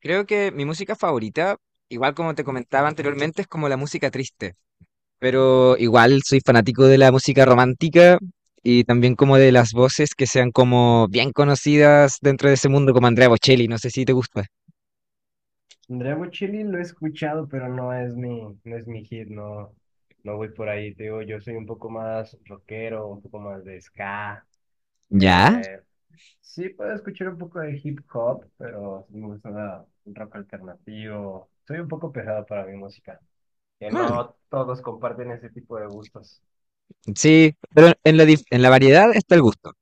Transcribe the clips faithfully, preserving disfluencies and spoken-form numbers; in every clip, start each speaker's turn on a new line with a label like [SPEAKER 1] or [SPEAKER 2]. [SPEAKER 1] Creo que mi música favorita, igual como te comentaba anteriormente, es como la música triste, pero igual soy fanático de la música romántica y también como de las voces que sean como bien conocidas dentro de ese mundo, como Andrea Bocelli. No sé si te gusta.
[SPEAKER 2] Dragon Chili lo he escuchado, pero no es mi, no es mi hit, no, no voy por ahí, te digo, yo soy un poco más rockero, un poco más de ska.
[SPEAKER 1] ¿Ya?
[SPEAKER 2] eh, sí puedo escuchar un poco de hip hop, pero sí me gusta la- un rock alternativo. Soy un poco pesado para mi música, que
[SPEAKER 1] Mm,
[SPEAKER 2] no todos comparten ese tipo de gustos.
[SPEAKER 1] sí, pero en la, dif- en la variedad está el gusto.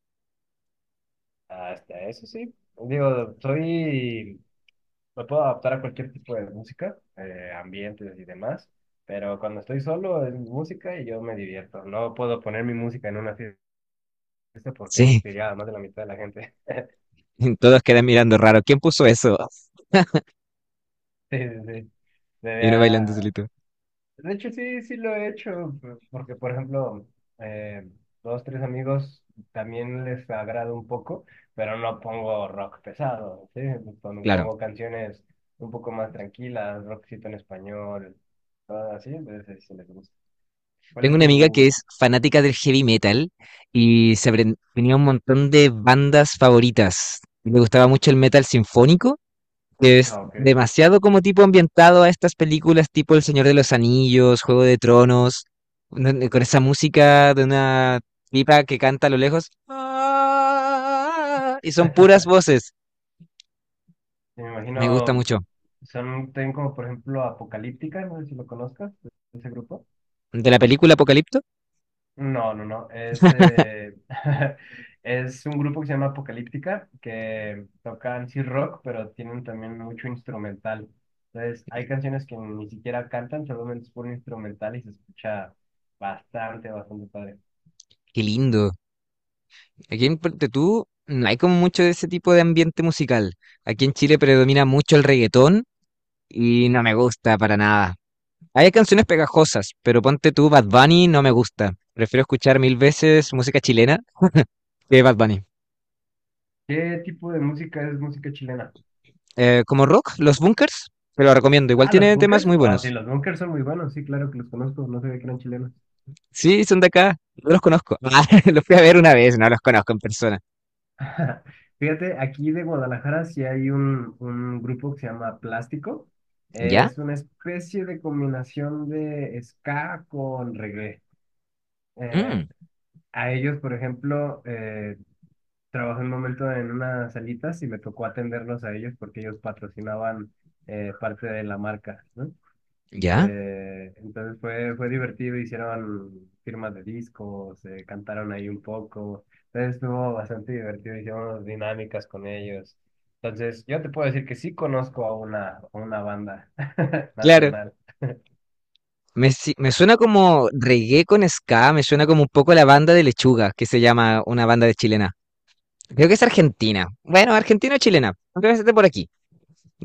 [SPEAKER 2] Hasta eso sí. Digo, soy Me puedo adaptar a cualquier tipo de música, eh, ambientes y demás, pero cuando estoy solo es mi música y yo me divierto. No puedo poner mi música en una fiesta porque
[SPEAKER 1] Sí,
[SPEAKER 2] sería más de la mitad de la gente.
[SPEAKER 1] todos quedan mirando raro. ¿Quién puso eso?
[SPEAKER 2] Sí, sí, sí.
[SPEAKER 1] Y uno bailando
[SPEAKER 2] Sería-
[SPEAKER 1] solito.
[SPEAKER 2] De hecho, sí, sí lo he hecho, p- porque, por ejemplo, eh, dos, tres amigos también les agrada un poco, pero no pongo rock pesado, ¿sí? Pon-
[SPEAKER 1] Claro.
[SPEAKER 2] Pongo canciones un poco más tranquilas, rockcito en español, todo así, entonces sí sí les gusta. ¿Cuál
[SPEAKER 1] Tengo
[SPEAKER 2] es
[SPEAKER 1] una amiga que
[SPEAKER 2] tu...?
[SPEAKER 1] es fanática del heavy metal y se apren- tenía un montón de bandas favoritas. Le gustaba mucho el metal sinfónico, que es
[SPEAKER 2] Ah, ok.
[SPEAKER 1] demasiado como tipo ambientado a estas películas tipo El Señor de los Anillos, Juego de Tronos, donde- con esa música de una pipa que canta a lo lejos. "Ah", y son puras voces.
[SPEAKER 2] Me
[SPEAKER 1] Me gusta
[SPEAKER 2] imagino,
[SPEAKER 1] mucho.
[SPEAKER 2] son, tienen como por ejemplo Apocalíptica, no sé si lo conozcas, ese grupo.
[SPEAKER 1] ¿De la película Apocalipto?
[SPEAKER 2] No, no, no, es, eh, es un grupo que se llama Apocalíptica, que tocan sí rock, pero tienen también mucho instrumental. Entonces, hay canciones que ni siquiera cantan, solamente es puro instrumental y se escucha bastante, bastante padre.
[SPEAKER 1] Qué lindo. Aquí en Puerto Tú no hay como mucho de ese tipo de ambiente musical. Aquí en Chile predomina mucho el reggaetón y no me gusta para nada. Hay canciones pegajosas, pero ponte tú Bad Bunny no me gusta. Prefiero escuchar mil veces música chilena que Bad Bunny.
[SPEAKER 2] ¿Qué tipo de música es música chilena?
[SPEAKER 1] Eh, como rock, Los Bunkers, te lo recomiendo. Igual
[SPEAKER 2] Ah, los
[SPEAKER 1] tiene temas
[SPEAKER 2] bunkers.
[SPEAKER 1] muy
[SPEAKER 2] Ah, sí,
[SPEAKER 1] buenos.
[SPEAKER 2] los bunkers son muy buenos. Sí, claro que los conozco. No sabía que eran chilenos.
[SPEAKER 1] Sí, son de acá. No los conozco. Ah, los fui a ver una vez, no los conozco en persona.
[SPEAKER 2] Fíjate, aquí de Guadalajara sí hay un, un grupo que se llama Plástico.
[SPEAKER 1] ¿Ya?
[SPEAKER 2] Es una especie de combinación de ska con reggae. Eh,
[SPEAKER 1] Mm,
[SPEAKER 2] a ellos, por ejemplo, eh, trabajé un momento en unas salitas y me tocó atenderlos a ellos porque ellos patrocinaban eh, parte de la marca, ¿no?
[SPEAKER 1] ¿ya?
[SPEAKER 2] Eh, entonces fue, fue divertido, hicieron firmas de discos, eh, cantaron ahí un poco. Entonces estuvo bastante divertido, hicimos dinámicas con ellos. Entonces yo te puedo decir que sí conozco a una, a una banda
[SPEAKER 1] Claro.
[SPEAKER 2] nacional.
[SPEAKER 1] Me, si- Me suena como reggae con ska, me suena como un poco la banda de Lechuga, que se llama una banda de chilena. Creo que es argentina. Bueno, argentina o chilena. Creo que es de por aquí,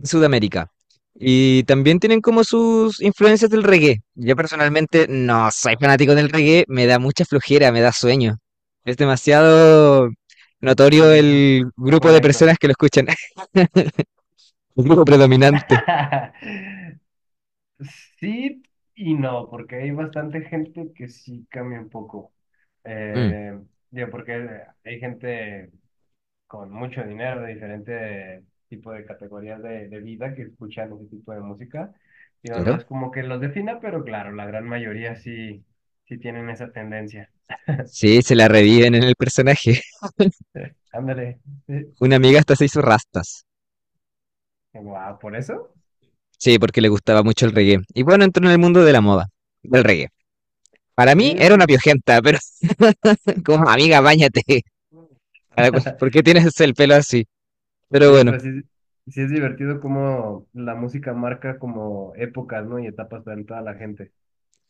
[SPEAKER 1] Sudamérica. Y también tienen como sus influencias del reggae. Yo personalmente no soy fanático del reggae, me da mucha flojera, me da sueño. Es demasiado
[SPEAKER 2] Sí,
[SPEAKER 1] notorio
[SPEAKER 2] es un
[SPEAKER 1] el
[SPEAKER 2] poco
[SPEAKER 1] grupo de
[SPEAKER 2] lento.
[SPEAKER 1] personas que lo escuchan, el grupo predominante.
[SPEAKER 2] Sí y no, porque hay bastante gente que sí cambia un poco.
[SPEAKER 1] Mm,
[SPEAKER 2] Eh, Digo, porque hay gente con mucho dinero de diferentes tipos de categorías de, de vida que escuchan ese tipo de música. Digo, no
[SPEAKER 1] claro.
[SPEAKER 2] es como que los defina, pero claro, la gran mayoría sí, sí tienen esa tendencia.
[SPEAKER 1] Sí, se la reviven en el personaje.
[SPEAKER 2] Sí, ándale. Sí,
[SPEAKER 1] Una amiga hasta se hizo rastas.
[SPEAKER 2] wow, ¿por eso?
[SPEAKER 1] Sí, porque le gustaba mucho el reggae. Y bueno, entró en el mundo de la moda, del reggae. Para
[SPEAKER 2] Sí,
[SPEAKER 1] mí era una piojenta, pero como amiga, báñate. Ahora, ¿Por por qué tienes el pelo así? Pero
[SPEAKER 2] sí,
[SPEAKER 1] bueno.
[SPEAKER 2] pero sí, sí es divertido cómo la música marca como épocas, ¿no? Y etapas para toda la gente.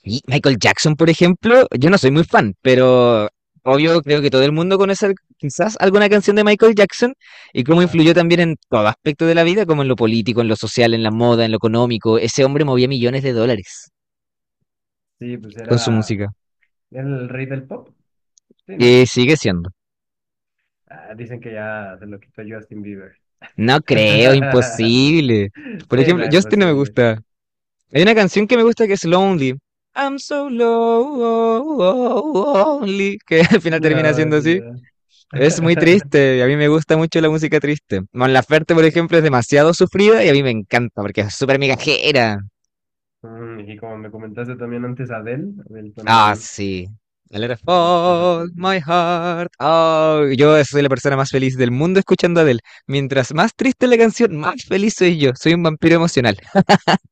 [SPEAKER 1] Y Michael Jackson, por ejemplo, yo no soy muy fan, pero obvio creo que todo el mundo conoce al- quizás alguna canción de Michael Jackson y cómo influyó
[SPEAKER 2] Claro.
[SPEAKER 1] también en todo aspecto de la vida, como en lo político, en lo social, en la moda, en lo económico. Ese hombre movía millones de dólares
[SPEAKER 2] Sí, pues
[SPEAKER 1] con su
[SPEAKER 2] era
[SPEAKER 1] música.
[SPEAKER 2] era el rey del pop, sí, ¿no?
[SPEAKER 1] Y sigue siendo.
[SPEAKER 2] Ah, dicen que ya se lo quitó Justin Bieber.
[SPEAKER 1] No creo, imposible. Por
[SPEAKER 2] Sí,
[SPEAKER 1] ejemplo,
[SPEAKER 2] no,
[SPEAKER 1] Justin no me
[SPEAKER 2] imposible.
[SPEAKER 1] gusta. Hay una canción que me gusta que es Lonely. I'm so lonely. Que al final
[SPEAKER 2] No,
[SPEAKER 1] termina
[SPEAKER 2] es
[SPEAKER 1] siendo así.
[SPEAKER 2] verdad.
[SPEAKER 1] Es muy triste. Y a mí me gusta mucho la música triste. Mon Laferte, por ejemplo, es demasiado sufrida y a mí me encanta porque es súper migajera.
[SPEAKER 2] Mm, y como me comentaste también antes, Adele, Adele
[SPEAKER 1] Ah,
[SPEAKER 2] también
[SPEAKER 1] sí. I let it
[SPEAKER 2] se la pasa por
[SPEAKER 1] fall,
[SPEAKER 2] el piso.
[SPEAKER 1] my heart. Oh, yo soy la persona más feliz del mundo escuchando a Adele. Mientras más triste la canción, más feliz soy yo. Soy un vampiro emocional.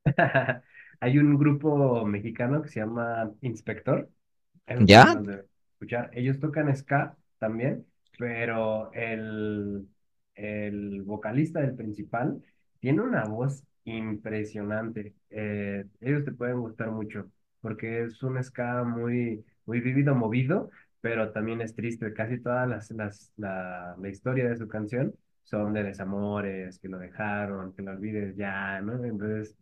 [SPEAKER 2] Hay un grupo mexicano que se llama Inspector, eso también
[SPEAKER 1] ¿Ya?
[SPEAKER 2] los debe escuchar. Ellos tocan ska también, pero el, el vocalista del principal tiene una voz impresionante. Eh, ellos te pueden gustar mucho, porque es un ska muy, muy vívido, movido, pero también es triste. Casi todas las, las, la, la historia de su canción son de desamores, que lo dejaron, que lo olvides ya, ¿no? Entonces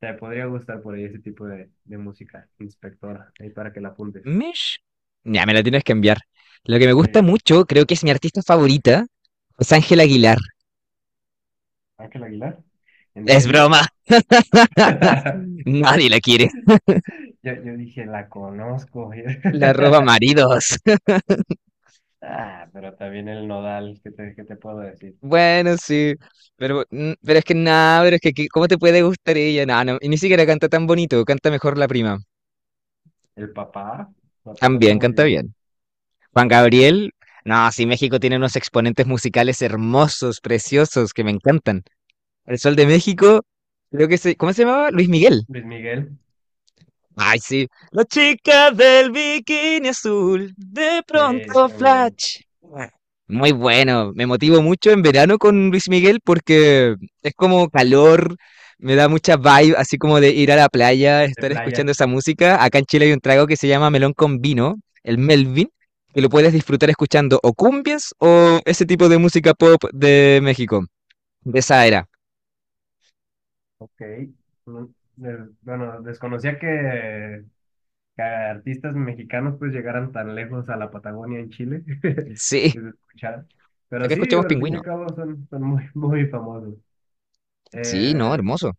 [SPEAKER 2] te podría gustar por ahí ese tipo de, de música, inspector ahí para que la apuntes.
[SPEAKER 1] Mish. Ya, me la tienes que enviar. Lo que me
[SPEAKER 2] Sí,
[SPEAKER 1] gusta mucho, creo que es mi artista favorita, es Ángela Aguilar.
[SPEAKER 2] Ángel Aguilar. ¿En
[SPEAKER 1] Es
[SPEAKER 2] serio?
[SPEAKER 1] broma, nadie la quiere.
[SPEAKER 2] Yo, yo dije, la conozco.
[SPEAKER 1] La roba maridos.
[SPEAKER 2] Ah, pero también el Nodal, ¿qué te, ¿qué te puedo decir?
[SPEAKER 1] Bueno, sí. Pero, mm, pero es que nada, pero es que que- ¿cómo te puede gustar ella? No, no, y ni siquiera canta tan bonito, canta mejor la prima.
[SPEAKER 2] El papá, Papá canta
[SPEAKER 1] También,
[SPEAKER 2] muy
[SPEAKER 1] canta
[SPEAKER 2] bien.
[SPEAKER 1] bien. Juan Gabriel, no, sí, México tiene unos exponentes musicales hermosos, preciosos, que me encantan. El Sol de México, creo que se, ¿cómo se llamaba? Luis Miguel.
[SPEAKER 2] Luis Miguel,
[SPEAKER 1] Ay, sí. La chica del bikini azul, de
[SPEAKER 2] sí,
[SPEAKER 1] pronto
[SPEAKER 2] ese era muy bueno.
[SPEAKER 1] flash. Muy bueno, me motivo mucho en verano con Luis Miguel porque es como calor, me da mucha vibe, así como de ir a la playa,
[SPEAKER 2] De
[SPEAKER 1] estar
[SPEAKER 2] playa,
[SPEAKER 1] escuchando esa música. Acá en Chile hay un trago que se llama melón con vino, el Melvin, que lo puedes disfrutar escuchando o cumbias o ese tipo de música pop de México, de esa era.
[SPEAKER 2] ok. Mm, des- bueno, desconocía que que artistas mexicanos pues llegaran tan lejos a la Patagonia en Chile
[SPEAKER 1] Sí,
[SPEAKER 2] que se escuchara. Pero
[SPEAKER 1] acá
[SPEAKER 2] sí, digo,
[SPEAKER 1] escuchamos
[SPEAKER 2] al fin y
[SPEAKER 1] Pingüino.
[SPEAKER 2] al cabo son, son muy, muy famosos.
[SPEAKER 1] Sí, no,
[SPEAKER 2] Eh,
[SPEAKER 1] hermoso.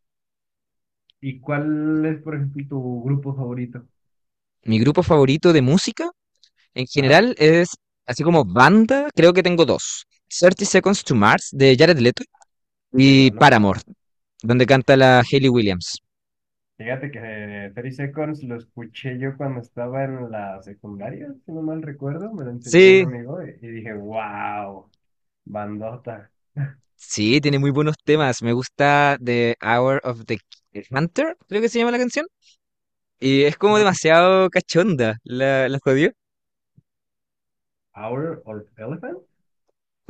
[SPEAKER 2] ¿Y cuál es, por ejemplo, tu grupo favorito?
[SPEAKER 1] Mi grupo favorito de música en
[SPEAKER 2] Ajá,
[SPEAKER 1] general es así como banda, creo que tengo dos. Thirty Seconds to Mars de Jared Leto
[SPEAKER 2] muy
[SPEAKER 1] y
[SPEAKER 2] buenos,
[SPEAKER 1] Paramore,
[SPEAKER 2] claro.
[SPEAKER 1] donde canta la Hayley Williams.
[SPEAKER 2] Fíjate que eh, thirty Seconds lo escuché yo cuando estaba en la secundaria, si no mal recuerdo, me lo enseñó un
[SPEAKER 1] Sí,
[SPEAKER 2] amigo y, y dije, wow, bandota.
[SPEAKER 1] sí, tiene muy buenos temas. Me gusta The Hour of the Hunter, creo que se llama la canción. Y es como demasiado cachonda, la, la jodió.
[SPEAKER 2] ¿Power of Elephant?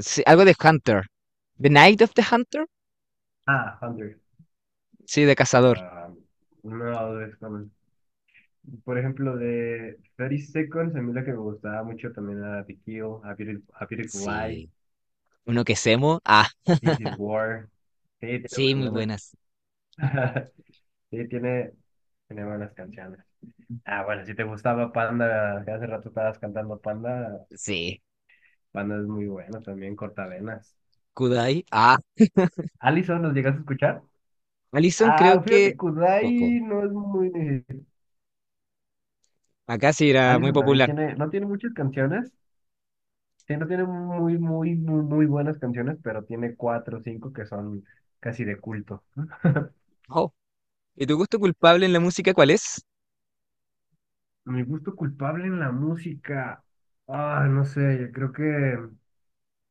[SPEAKER 1] Sí, algo de Hunter. The Night of the Hunter.
[SPEAKER 2] Ah, one hundred.
[SPEAKER 1] Sí, de cazador.
[SPEAKER 2] Ah, no, desconozco. Por ejemplo, de thirty Seconds, a mí la que me gustaba mucho también era The Kill, A Beautiful, A Beautiful Lie,
[SPEAKER 1] Sí. Uno que semo. Ah,
[SPEAKER 2] This Is War. Sí, tiene
[SPEAKER 1] sí, muy
[SPEAKER 2] muy buenas.
[SPEAKER 1] buenas.
[SPEAKER 2] Sí, tiene, tiene buenas canciones. Ah, bueno, si te gustaba Panda, que hace rato estabas cantando Panda,
[SPEAKER 1] Sí.
[SPEAKER 2] Panda es muy bueno también, Cortavenas.
[SPEAKER 1] Kudai. Ah.
[SPEAKER 2] Allison, ¿los llegas a escuchar?
[SPEAKER 1] Alison creo
[SPEAKER 2] Ah,
[SPEAKER 1] que...
[SPEAKER 2] fíjate,
[SPEAKER 1] Poco.
[SPEAKER 2] Kudai no es muy...
[SPEAKER 1] Acá sí era muy
[SPEAKER 2] Allison también
[SPEAKER 1] popular.
[SPEAKER 2] tiene, no tiene muchas canciones. Sí, no tiene muy, muy, muy, muy buenas canciones, pero tiene cuatro o cinco que son casi de culto.
[SPEAKER 1] Oh. ¿Y tu gusto culpable en la música cuál es?
[SPEAKER 2] Mi gusto culpable en la música. Ah, no sé, yo creo que,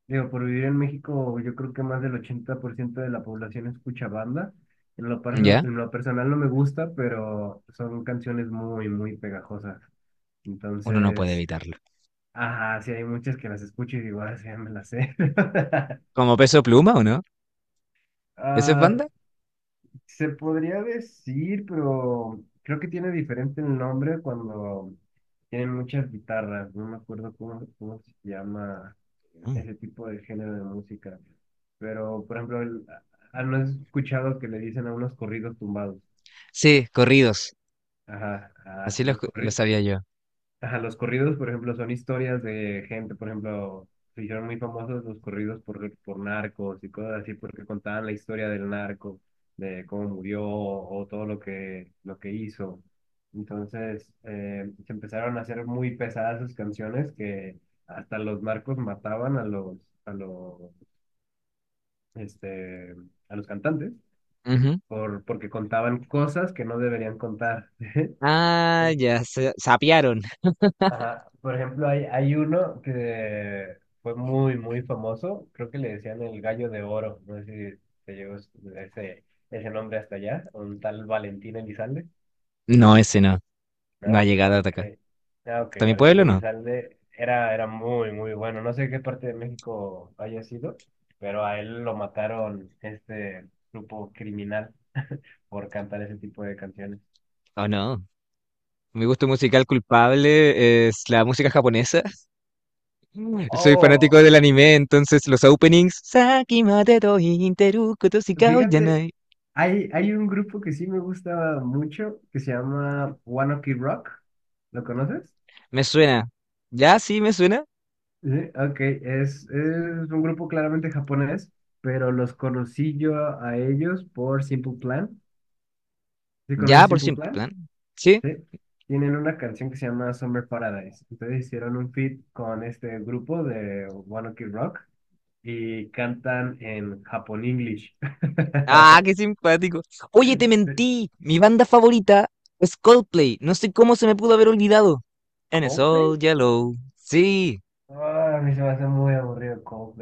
[SPEAKER 2] digo, por vivir en México, yo creo que más del ochenta por ciento de la población escucha banda. En lo, perso-
[SPEAKER 1] ¿Ya?
[SPEAKER 2] en lo personal no me gusta, pero son canciones muy, muy pegajosas.
[SPEAKER 1] Uno no puede
[SPEAKER 2] Entonces,
[SPEAKER 1] evitarlo.
[SPEAKER 2] ajá, sí hay muchas que las escucho y digo, ah, sí, ya me las sé.
[SPEAKER 1] ¿Como Peso Pluma o no? ¿Esa es
[SPEAKER 2] Ah,
[SPEAKER 1] banda?
[SPEAKER 2] se podría decir, pero creo que tiene diferente el nombre cuando tienen muchas guitarras. No me acuerdo cómo, cómo se llama
[SPEAKER 1] Mm.
[SPEAKER 2] ese tipo de género de música. Pero, por ejemplo, el- ah, ¿no has escuchado que le dicen a unos corridos tumbados?
[SPEAKER 1] Sí, corridos.
[SPEAKER 2] Ajá, ah,
[SPEAKER 1] Así lo,
[SPEAKER 2] los,
[SPEAKER 1] escu- lo
[SPEAKER 2] corri-
[SPEAKER 1] sabía yo.
[SPEAKER 2] ajá, los corridos, por ejemplo, son historias de gente, por ejemplo, se hicieron muy famosos los corridos por, por narcos y cosas así, porque contaban la historia del narco, de cómo murió o todo lo que, lo que hizo. Entonces, eh, se empezaron a hacer muy pesadas sus canciones que hasta los narcos mataban a los, a los, este, a los cantantes
[SPEAKER 1] Ujú.
[SPEAKER 2] por, porque contaban cosas que no deberían contar.
[SPEAKER 1] Ah, ya, se sapearon.
[SPEAKER 2] Ajá. Por ejemplo, hay, hay uno que fue muy, muy famoso. Creo que le decían el gallo de oro. No sé si te llegó ese, ese nombre hasta allá. Un tal Valentín Elizalde.
[SPEAKER 1] No, ese no. No ha
[SPEAKER 2] ¿No?
[SPEAKER 1] llegado hasta
[SPEAKER 2] Ok.
[SPEAKER 1] acá.
[SPEAKER 2] Ah, ok.
[SPEAKER 1] ¿Hasta mi
[SPEAKER 2] Valentín
[SPEAKER 1] pueblo no?
[SPEAKER 2] Elizalde era, era muy, muy bueno. No sé qué parte de México haya sido, pero a él lo mataron este grupo criminal por cantar ese tipo de canciones.
[SPEAKER 1] ¿Oh no? Mi gusto musical culpable es la música japonesa. Mm. Soy fanático
[SPEAKER 2] Oh,
[SPEAKER 1] del anime, entonces los openings. "Saki mateto interu koto shikao
[SPEAKER 2] fíjate,
[SPEAKER 1] yanai".
[SPEAKER 2] hay, hay un grupo que sí me gusta mucho que se llama One Ok Rock. ¿Lo conoces?
[SPEAKER 1] Me suena. Ya sí, me suena.
[SPEAKER 2] Sí, ok, es, es un grupo claramente japonés, pero los conocí yo a ellos por Simple Plan. ¿Sí
[SPEAKER 1] Ya,
[SPEAKER 2] conoces
[SPEAKER 1] por
[SPEAKER 2] Simple
[SPEAKER 1] Simple
[SPEAKER 2] Plan?
[SPEAKER 1] Plan. Sí.
[SPEAKER 2] Sí. Tienen una canción que se llama Summer Paradise. Entonces hicieron un feat con este grupo de One Ok Rock y cantan en Japón English.
[SPEAKER 1] Ah, qué simpático. Oye, te mentí. Mi banda favorita es Coldplay. No sé cómo se me pudo haber olvidado. And it's
[SPEAKER 2] ¿Coldplay?
[SPEAKER 1] all yellow. Sí.
[SPEAKER 2] Ah, a mí se me hace muy aburrido, como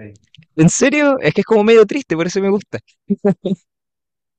[SPEAKER 1] ¿En serio? Es que es como medio triste, por eso me gusta.